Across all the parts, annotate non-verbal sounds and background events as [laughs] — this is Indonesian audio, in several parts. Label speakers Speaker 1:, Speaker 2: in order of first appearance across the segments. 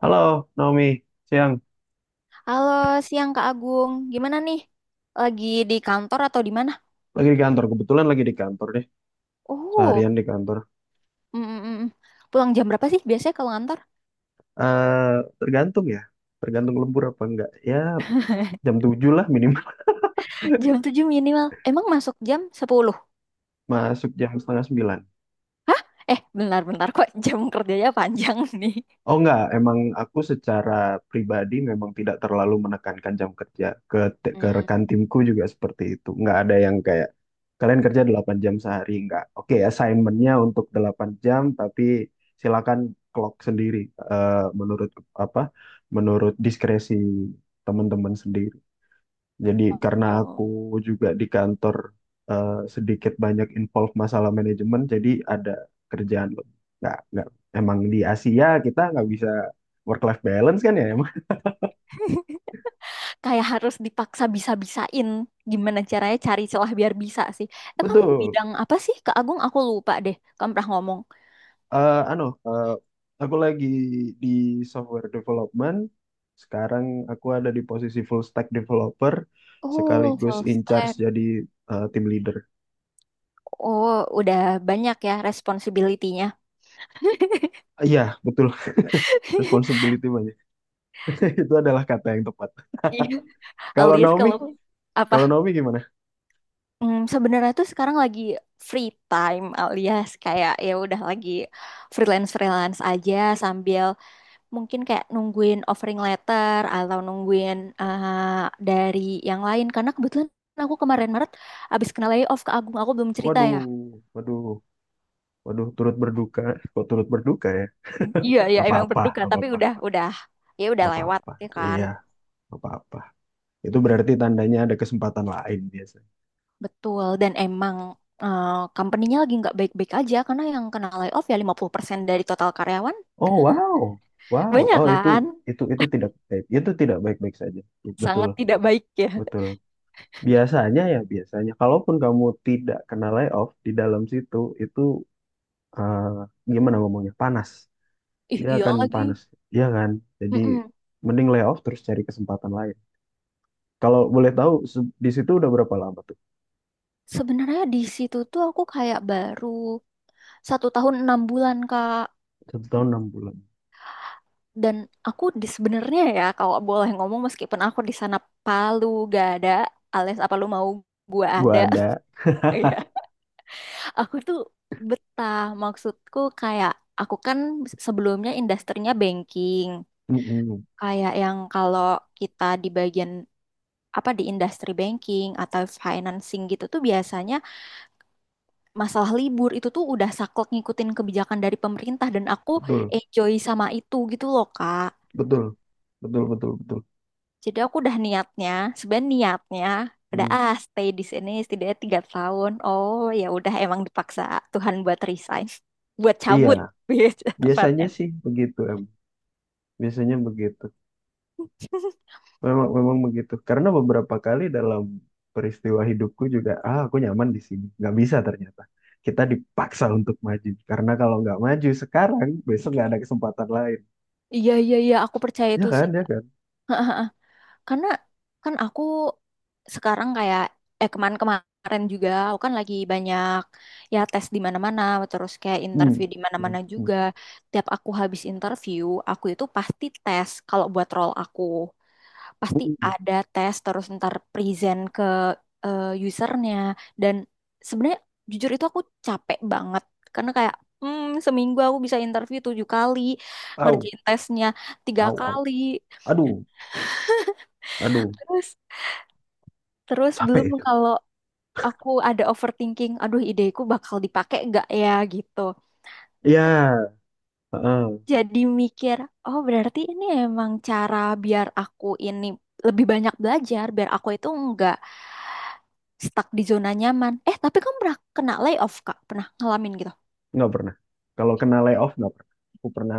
Speaker 1: Halo, Naomi. Siang.
Speaker 2: Halo, siang Kak Agung. Gimana nih? Lagi di kantor atau di mana?
Speaker 1: Lagi di kantor. Kebetulan lagi di kantor deh.
Speaker 2: Oh,
Speaker 1: Seharian di kantor.
Speaker 2: mm, mm, mm. Pulang jam berapa sih biasanya kalau ngantor?
Speaker 1: Tergantung ya. Tergantung lembur apa enggak. Ya, jam
Speaker 2: [laughs]
Speaker 1: 7 lah minimal.
Speaker 2: Jam 7 minimal. Emang masuk jam 10?
Speaker 1: [laughs] Masuk jam setengah 9.
Speaker 2: Hah? Bentar-bentar kok [laughs] jam kerjanya panjang [laughs] nih.
Speaker 1: Oh enggak, emang aku secara pribadi memang tidak terlalu menekankan jam kerja. Ke
Speaker 2: Hmm.
Speaker 1: rekan timku juga seperti itu. Enggak ada yang kayak, kalian kerja 8 jam sehari. Enggak. Oke, assignmentnya untuk 8 jam, tapi silakan clock sendiri. eh, Menurut apa? Menurut diskresi teman-teman sendiri. Jadi karena aku
Speaker 2: Oh.
Speaker 1: juga di kantor sedikit banyak involve masalah manajemen, jadi ada kerjaan loh. Nggak, nggak. Emang di Asia kita nggak bisa work life balance kan ya emang.
Speaker 2: [laughs] Kayak harus dipaksa bisa-bisain. Gimana caranya cari celah biar bisa sih.
Speaker 1: [laughs]
Speaker 2: Kamu
Speaker 1: Betul.
Speaker 2: bidang apa sih Kak Agung? Aku lupa deh. Kamu pernah ngomong.
Speaker 1: Anu, aku lagi di software development. Sekarang aku ada di posisi full stack developer,
Speaker 2: Oh,
Speaker 1: sekaligus
Speaker 2: full
Speaker 1: in charge
Speaker 2: stack.
Speaker 1: jadi team leader.
Speaker 2: Oh, udah banyak ya responsibility-nya.
Speaker 1: Iya, betul. [laughs] Responsibility banyak. [laughs] Itu adalah kata yang tepat.
Speaker 2: [laughs]
Speaker 1: Kalau
Speaker 2: Alias
Speaker 1: Naomi,
Speaker 2: kalau apa,
Speaker 1: kalau Naomi gimana?
Speaker 2: sebenarnya tuh sekarang lagi free time, alias kayak ya udah lagi freelance freelance aja, sambil mungkin kayak nungguin offering letter atau nungguin dari yang lain, karena kebetulan aku kemarin Maret abis kena layoff. Ke Agung aku belum cerita ya.
Speaker 1: Waduh, waduh, waduh, turut berduka. Kok turut berduka ya?
Speaker 2: Iya, iya,
Speaker 1: Gak
Speaker 2: emang
Speaker 1: apa-apa,
Speaker 2: berduka
Speaker 1: gak
Speaker 2: tapi
Speaker 1: apa-apa,
Speaker 2: udah ya udah
Speaker 1: gak
Speaker 2: lewat
Speaker 1: apa-apa.
Speaker 2: ya kan.
Speaker 1: Iya, gak apa-apa. Itu berarti tandanya ada kesempatan lain biasanya.
Speaker 2: Betul, dan emang company-nya lagi nggak baik-baik aja, karena yang kena layoff ya 50% dari total karyawan.
Speaker 1: Oh, wow, wow.
Speaker 2: Banyak
Speaker 1: Oh, itu,
Speaker 2: kan?
Speaker 1: itu, itu tidak baik. Itu tidak baik-baik saja. Betul,
Speaker 2: Sangat tidak baik ya.
Speaker 1: betul. Biasanya ya, biasanya. Kalaupun kamu tidak kena layoff di dalam situ, itu, eh, gimana ngomongnya? Panas.
Speaker 2: Ih,
Speaker 1: Dia
Speaker 2: iya
Speaker 1: akan
Speaker 2: lagi.
Speaker 1: panas, iya kan? Jadi
Speaker 2: Mm-mm.
Speaker 1: mending layoff terus cari kesempatan lain. Kalau boleh tahu, di situ udah berapa lama tuh?
Speaker 2: Sebenarnya di situ tuh aku kayak baru 1 tahun 6 bulan Kak.
Speaker 1: 1 tahun 6 bulan.
Speaker 2: Dan aku sebenarnya ya kalau boleh ngomong, meskipun aku di sana Palu gak ada alias apa lu mau gua
Speaker 1: Gua
Speaker 2: ada.
Speaker 1: ada.
Speaker 2: [laughs] Iya.
Speaker 1: [laughs]
Speaker 2: Aku tuh betah, maksudku kayak aku kan sebelumnya industrinya banking.
Speaker 1: Mm-mm.
Speaker 2: Kayak yang kalau kita di bagian apa di industri banking atau financing gitu tuh biasanya masalah libur itu tuh udah saklek ngikutin kebijakan dari pemerintah, dan aku
Speaker 1: Betul,
Speaker 2: enjoy sama itu gitu loh Kak.
Speaker 1: betul, betul, betul, betul.
Speaker 2: Jadi aku udah niatnya, sebenarnya niatnya udah
Speaker 1: Mm.
Speaker 2: stay di sini setidaknya 3 tahun. Oh ya udah, emang dipaksa Tuhan buat resign, [laughs] buat
Speaker 1: Iya,
Speaker 2: cabut [laughs] gitu
Speaker 1: biasanya
Speaker 2: tepatnya.
Speaker 1: sih begitu em. Biasanya begitu. Memang, memang begitu. Karena beberapa kali dalam peristiwa hidupku juga, ah aku nyaman di sini. Nggak bisa ternyata. Kita dipaksa untuk maju. Karena kalau nggak maju sekarang, besok nggak ada kesempatan lain.
Speaker 2: Iya, iya, iya, aku percaya
Speaker 1: Ya
Speaker 2: itu sih.
Speaker 1: kan, ya kan.
Speaker 2: Karena kan aku sekarang kayak kemarin-kemarin juga aku kan lagi banyak ya tes di mana-mana terus kayak
Speaker 1: Hmm.
Speaker 2: interview di
Speaker 1: Hmm.
Speaker 2: mana-mana
Speaker 1: Hmm.
Speaker 2: juga. Tiap aku habis interview, aku itu pasti tes kalau buat role aku. Pasti
Speaker 1: Hmm.
Speaker 2: ada tes terus ntar present ke usernya, dan sebenarnya jujur itu aku capek banget karena kayak, seminggu aku bisa interview 7 kali,
Speaker 1: Au,
Speaker 2: ngerjain tesnya tiga
Speaker 1: au, au.
Speaker 2: kali.
Speaker 1: Aduh, aduh.
Speaker 2: Terus,
Speaker 1: Capek
Speaker 2: belum
Speaker 1: itu
Speaker 2: kalau aku ada overthinking, aduh ideku bakal dipakai nggak ya gitu. Tapi
Speaker 1: ya. Heeh.
Speaker 2: jadi mikir, oh berarti ini emang cara biar aku ini lebih banyak belajar, biar aku itu nggak stuck di zona nyaman. Tapi kamu pernah kena layoff, Kak? Pernah ngalamin gitu?
Speaker 1: Nggak pernah. Kalau kena layoff nggak pernah. Aku pernah,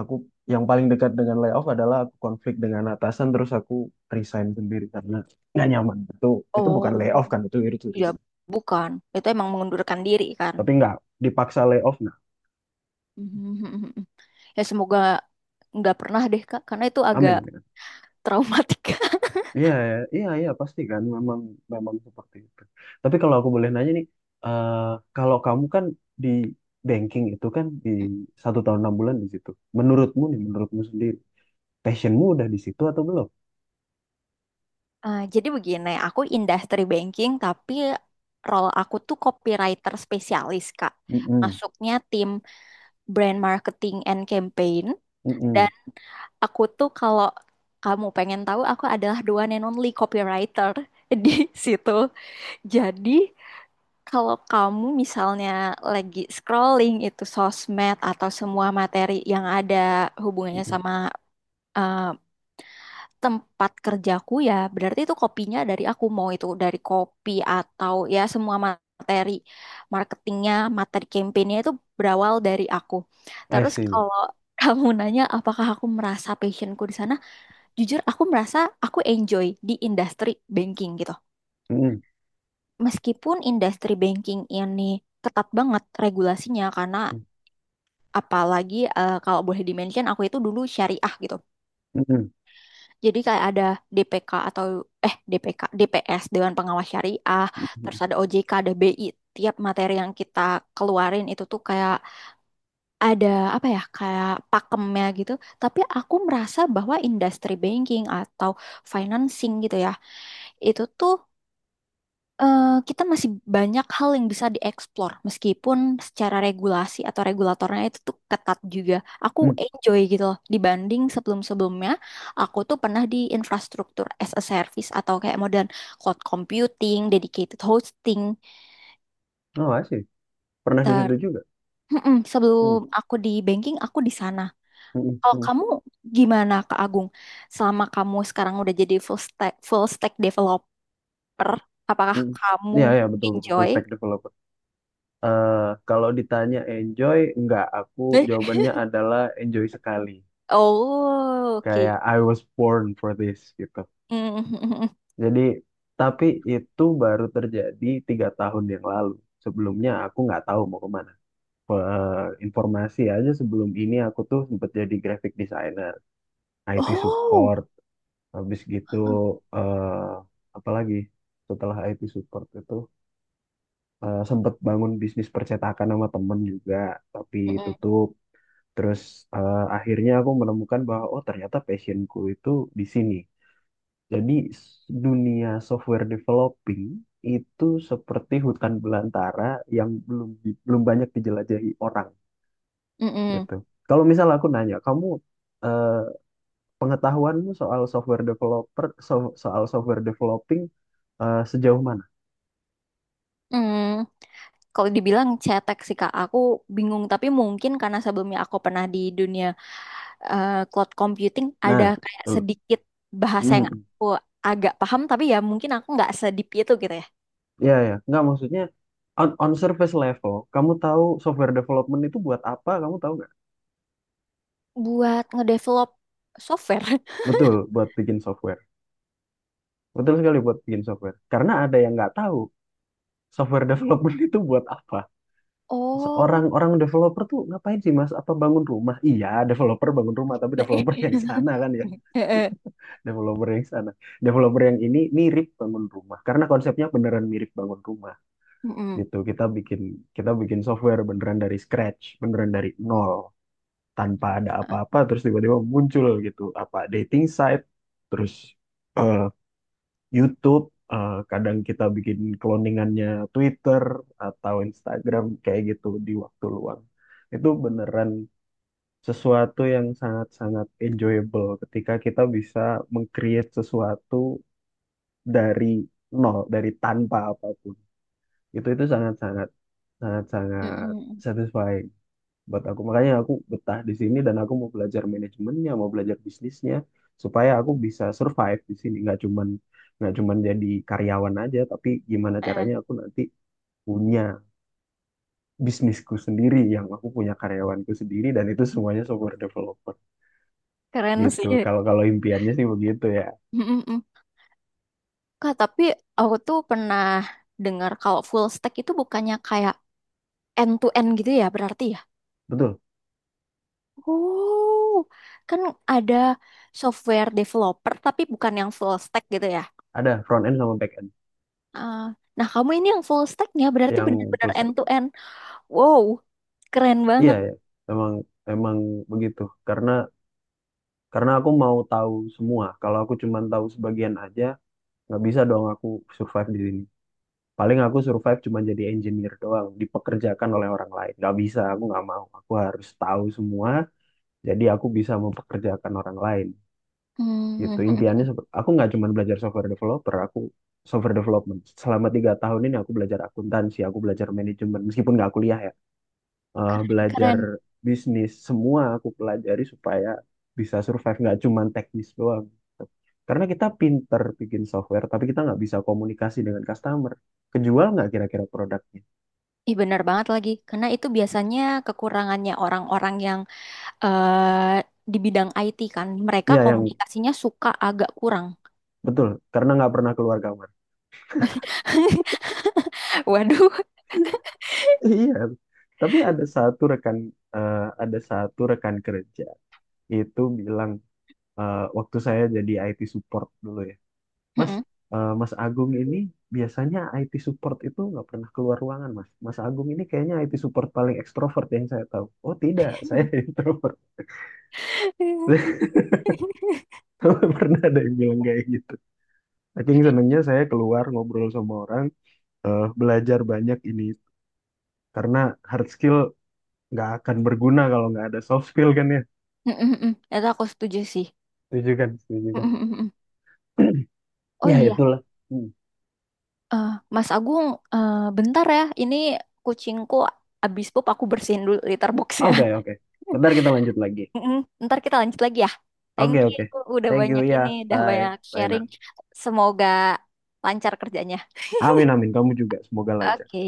Speaker 1: aku yang paling dekat dengan layoff adalah aku konflik dengan atasan, terus aku resign sendiri karena nggak nyaman. Itu
Speaker 2: Oh,
Speaker 1: bukan layoff kan, itu
Speaker 2: ya
Speaker 1: resign,
Speaker 2: bukan. Itu emang mengundurkan diri kan.
Speaker 1: tapi nggak dipaksa layoff. Nah.
Speaker 2: [laughs] Ya semoga nggak pernah deh, Kak, karena itu
Speaker 1: Amin,
Speaker 2: agak
Speaker 1: amin.
Speaker 2: traumatik. [laughs]
Speaker 1: Iya, iya, iya, pasti kan. Memang, memang seperti itu. Tapi kalau aku boleh nanya nih, eh, kalau kamu kan di banking itu, kan di 1 tahun 6 bulan di situ, menurutmu nih, menurutmu sendiri, passionmu udah di situ atau belum?
Speaker 2: Jadi begini, aku industri banking tapi role aku tuh copywriter spesialis, Kak.
Speaker 1: Mm-mm,
Speaker 2: Masuknya tim brand marketing and campaign,
Speaker 1: mm-mm,
Speaker 2: dan aku tuh kalau kamu pengen tahu aku adalah the one and only copywriter [laughs] di situ. Jadi kalau kamu misalnya lagi scrolling itu sosmed atau semua materi yang ada hubungannya
Speaker 1: mm-mm.
Speaker 2: sama eh, tempat kerjaku ya berarti itu kopinya dari aku, mau itu dari kopi atau ya semua materi marketingnya, materi campaignnya, itu berawal dari aku.
Speaker 1: I
Speaker 2: Terus
Speaker 1: see.
Speaker 2: kalau [laughs] kamu nanya apakah aku merasa passionku di sana, jujur aku merasa aku enjoy di industri banking gitu,
Speaker 1: Mm-mm,
Speaker 2: meskipun industri banking ini ketat banget regulasinya, karena
Speaker 1: mm,
Speaker 2: apalagi kalau boleh di-mention aku itu dulu syariah gitu.
Speaker 1: mm-mm,
Speaker 2: Jadi kayak ada DPK atau DPK, DPS Dewan Pengawas Syariah, terus
Speaker 1: mm-mm,
Speaker 2: ada OJK, ada BI. Tiap materi yang kita keluarin itu tuh kayak ada apa ya, kayak pakemnya gitu. Tapi aku merasa bahwa industri banking atau financing gitu ya, itu tuh eh, kita masih banyak hal yang bisa dieksplor, meskipun secara regulasi atau regulatornya itu tuh ketat juga. Aku
Speaker 1: mm.
Speaker 2: enjoy gitu loh, dibanding sebelum-sebelumnya aku tuh pernah di infrastruktur as a service atau kayak modern cloud computing, dedicated hosting.
Speaker 1: Oh, I see. Pernah di
Speaker 2: Ter
Speaker 1: situ juga.
Speaker 2: Mm-mm,
Speaker 1: Mm,
Speaker 2: sebelum aku di banking aku di sana.
Speaker 1: mm-mm,
Speaker 2: Kalau
Speaker 1: mm,
Speaker 2: kamu gimana Kak Agung? Selama kamu sekarang udah jadi full stack developer, apakah
Speaker 1: mm.
Speaker 2: kamu
Speaker 1: Iya, ya, betul, betul. Full
Speaker 2: enjoy?
Speaker 1: stack developer. Eh, Kalau ditanya enjoy, enggak. Aku jawabannya adalah enjoy sekali.
Speaker 2: Oh, oke.
Speaker 1: Kayak I was born for this, gitu.
Speaker 2: Mm. [laughs]
Speaker 1: Jadi, tapi itu baru terjadi 3 tahun yang lalu. Sebelumnya aku nggak tahu mau kemana. Informasi aja, sebelum ini aku tuh sempat jadi graphic designer. IT
Speaker 2: Oh,
Speaker 1: support. Habis gitu, eh apalagi setelah IT support itu, sempet bangun bisnis percetakan sama temen juga, tapi
Speaker 2: mm,
Speaker 1: tutup. Terus akhirnya aku menemukan bahwa oh, ternyata passionku itu di sini. Jadi, dunia software developing itu seperti hutan belantara yang belum banyak dijelajahi orang,
Speaker 2: mm, mm,
Speaker 1: gitu. Kalau misal aku nanya kamu, eh, pengetahuanmu soal soal software developing, sejauh mana?
Speaker 2: mm. Kalau dibilang cetek sih Kak, aku bingung. Tapi mungkin karena sebelumnya aku pernah di dunia cloud computing, ada
Speaker 1: Nah,
Speaker 2: kayak
Speaker 1: tuh.
Speaker 2: sedikit bahasa yang
Speaker 1: Hmm.
Speaker 2: aku agak paham, tapi ya mungkin aku nggak sedip itu gitu ya.
Speaker 1: Ya, ya, nggak maksudnya on surface level, kamu tahu software development itu buat apa? Kamu tahu nggak?
Speaker 2: Buat ngedevelop software.
Speaker 1: Betul, buat bikin software. Betul sekali, buat bikin software. Karena ada yang nggak tahu software development [laughs] itu buat apa.
Speaker 2: [laughs] Oh.
Speaker 1: Orang developer tuh ngapain sih Mas? Apa bangun rumah? Iya, developer bangun rumah, tapi developer yang sana kan ya.
Speaker 2: [laughs]
Speaker 1: Developer yang sana. Developer yang ini mirip bangun rumah, karena konsepnya beneran mirip bangun rumah
Speaker 2: Mm, mm.
Speaker 1: gitu. Kita bikin software beneran dari scratch, beneran dari nol, tanpa ada apa-apa terus tiba-tiba muncul gitu, apa dating site, terus eh, YouTube, kadang kita bikin cloningannya Twitter atau Instagram kayak gitu di waktu luang. Itu beneran sesuatu yang sangat-sangat enjoyable, ketika kita bisa meng-create sesuatu dari nol, dari tanpa apapun. Itu sangat-sangat
Speaker 2: Mm,
Speaker 1: sangat-sangat
Speaker 2: mm.
Speaker 1: satisfying buat aku. Makanya aku betah di sini, dan aku mau belajar manajemennya, mau belajar bisnisnya supaya aku bisa survive di sini. Nggak cuman jadi karyawan aja, tapi gimana
Speaker 2: Eh,
Speaker 1: caranya aku nanti punya bisnisku sendiri, yang aku punya karyawanku sendiri dan itu semuanya software developer
Speaker 2: keren
Speaker 1: gitu.
Speaker 2: sih.
Speaker 1: Kalau kalau impiannya sih begitu ya.
Speaker 2: Mm-mm. Kak, tapi aku tuh pernah dengar kalau full stack itu bukannya kayak end to end gitu ya berarti ya?
Speaker 1: Betul.
Speaker 2: Oh, kan ada software developer tapi bukan yang full stack gitu ya.
Speaker 1: Ada front end sama back end
Speaker 2: Ah, nah, kamu ini yang full stacknya berarti
Speaker 1: yang
Speaker 2: benar-benar
Speaker 1: full stack.
Speaker 2: end to end. Wow, keren
Speaker 1: Iya,
Speaker 2: banget.
Speaker 1: ya. Emang emang begitu. Karena karena aku mau tahu semua. Kalau aku cuma tahu sebagian aja, nggak bisa dong aku survive di sini. Paling aku survive cuma jadi engineer doang, dipekerjakan oleh orang lain. Nggak bisa, aku nggak mau. Aku harus tahu semua, jadi aku bisa mempekerjakan orang lain. Gitu.
Speaker 2: Hmm,
Speaker 1: Impiannya, aku nggak cuma belajar software developer, aku software development. Selama 3 tahun ini aku belajar akuntansi, aku belajar manajemen, meskipun nggak kuliah ya,
Speaker 2: keren
Speaker 1: belajar
Speaker 2: keren.
Speaker 1: bisnis, semua aku pelajari supaya bisa survive, nggak cuman teknis doang gitu. Karena kita pinter bikin software, tapi kita nggak bisa komunikasi dengan customer. Kejual nggak kira-kira produknya?
Speaker 2: Ih, benar banget lagi. Karena itu biasanya kekurangannya orang-orang yang eh, di bidang IT kan, mereka
Speaker 1: Iya, yang
Speaker 2: komunikasinya suka agak kurang.
Speaker 1: betul, karena nggak pernah keluar kamar. [laughs]
Speaker 2: [laughs] Waduh.
Speaker 1: Iya. Tapi ada satu rekan kerja itu bilang, waktu saya jadi IT support dulu ya. Mas,
Speaker 2: Mm-mm.
Speaker 1: Mas Agung ini, biasanya IT support itu nggak pernah keluar ruangan, Mas. Mas Agung ini kayaknya IT support paling ekstrovert yang saya tahu. Oh tidak, saya [laughs] introvert. Saya
Speaker 2: [laughs]
Speaker 1: nggak pernah ada yang bilang kayak gitu. Saking senangnya saya keluar ngobrol sama orang, belajar banyak ini. Karena hard skill nggak akan berguna kalau nggak ada soft skill kan ya.
Speaker 2: Mm-mm-mm. Itu aku setuju sih.
Speaker 1: Setuju kan? Setuju kan?
Speaker 2: Mm-mm-mm.
Speaker 1: [clears throat]
Speaker 2: Oh
Speaker 1: Ya
Speaker 2: iya,
Speaker 1: itulah. Hmm.
Speaker 2: eh, Mas Agung, eh, bentar ya. Ini kucingku abis pup, aku bersihin dulu litter boxnya.
Speaker 1: Oke, oke. Bentar
Speaker 2: [laughs]
Speaker 1: kita lanjut lagi.
Speaker 2: Mm-mm. Ntar kita lanjut lagi ya.
Speaker 1: Oke,
Speaker 2: Thank you,
Speaker 1: oke.
Speaker 2: udah
Speaker 1: Thank you
Speaker 2: banyak ini,
Speaker 1: ya.
Speaker 2: udah banyak
Speaker 1: Bye. Bye,
Speaker 2: sharing.
Speaker 1: nak.
Speaker 2: Semoga lancar kerjanya.
Speaker 1: Amin, amin. Kamu juga. Semoga lancar.
Speaker 2: Oke.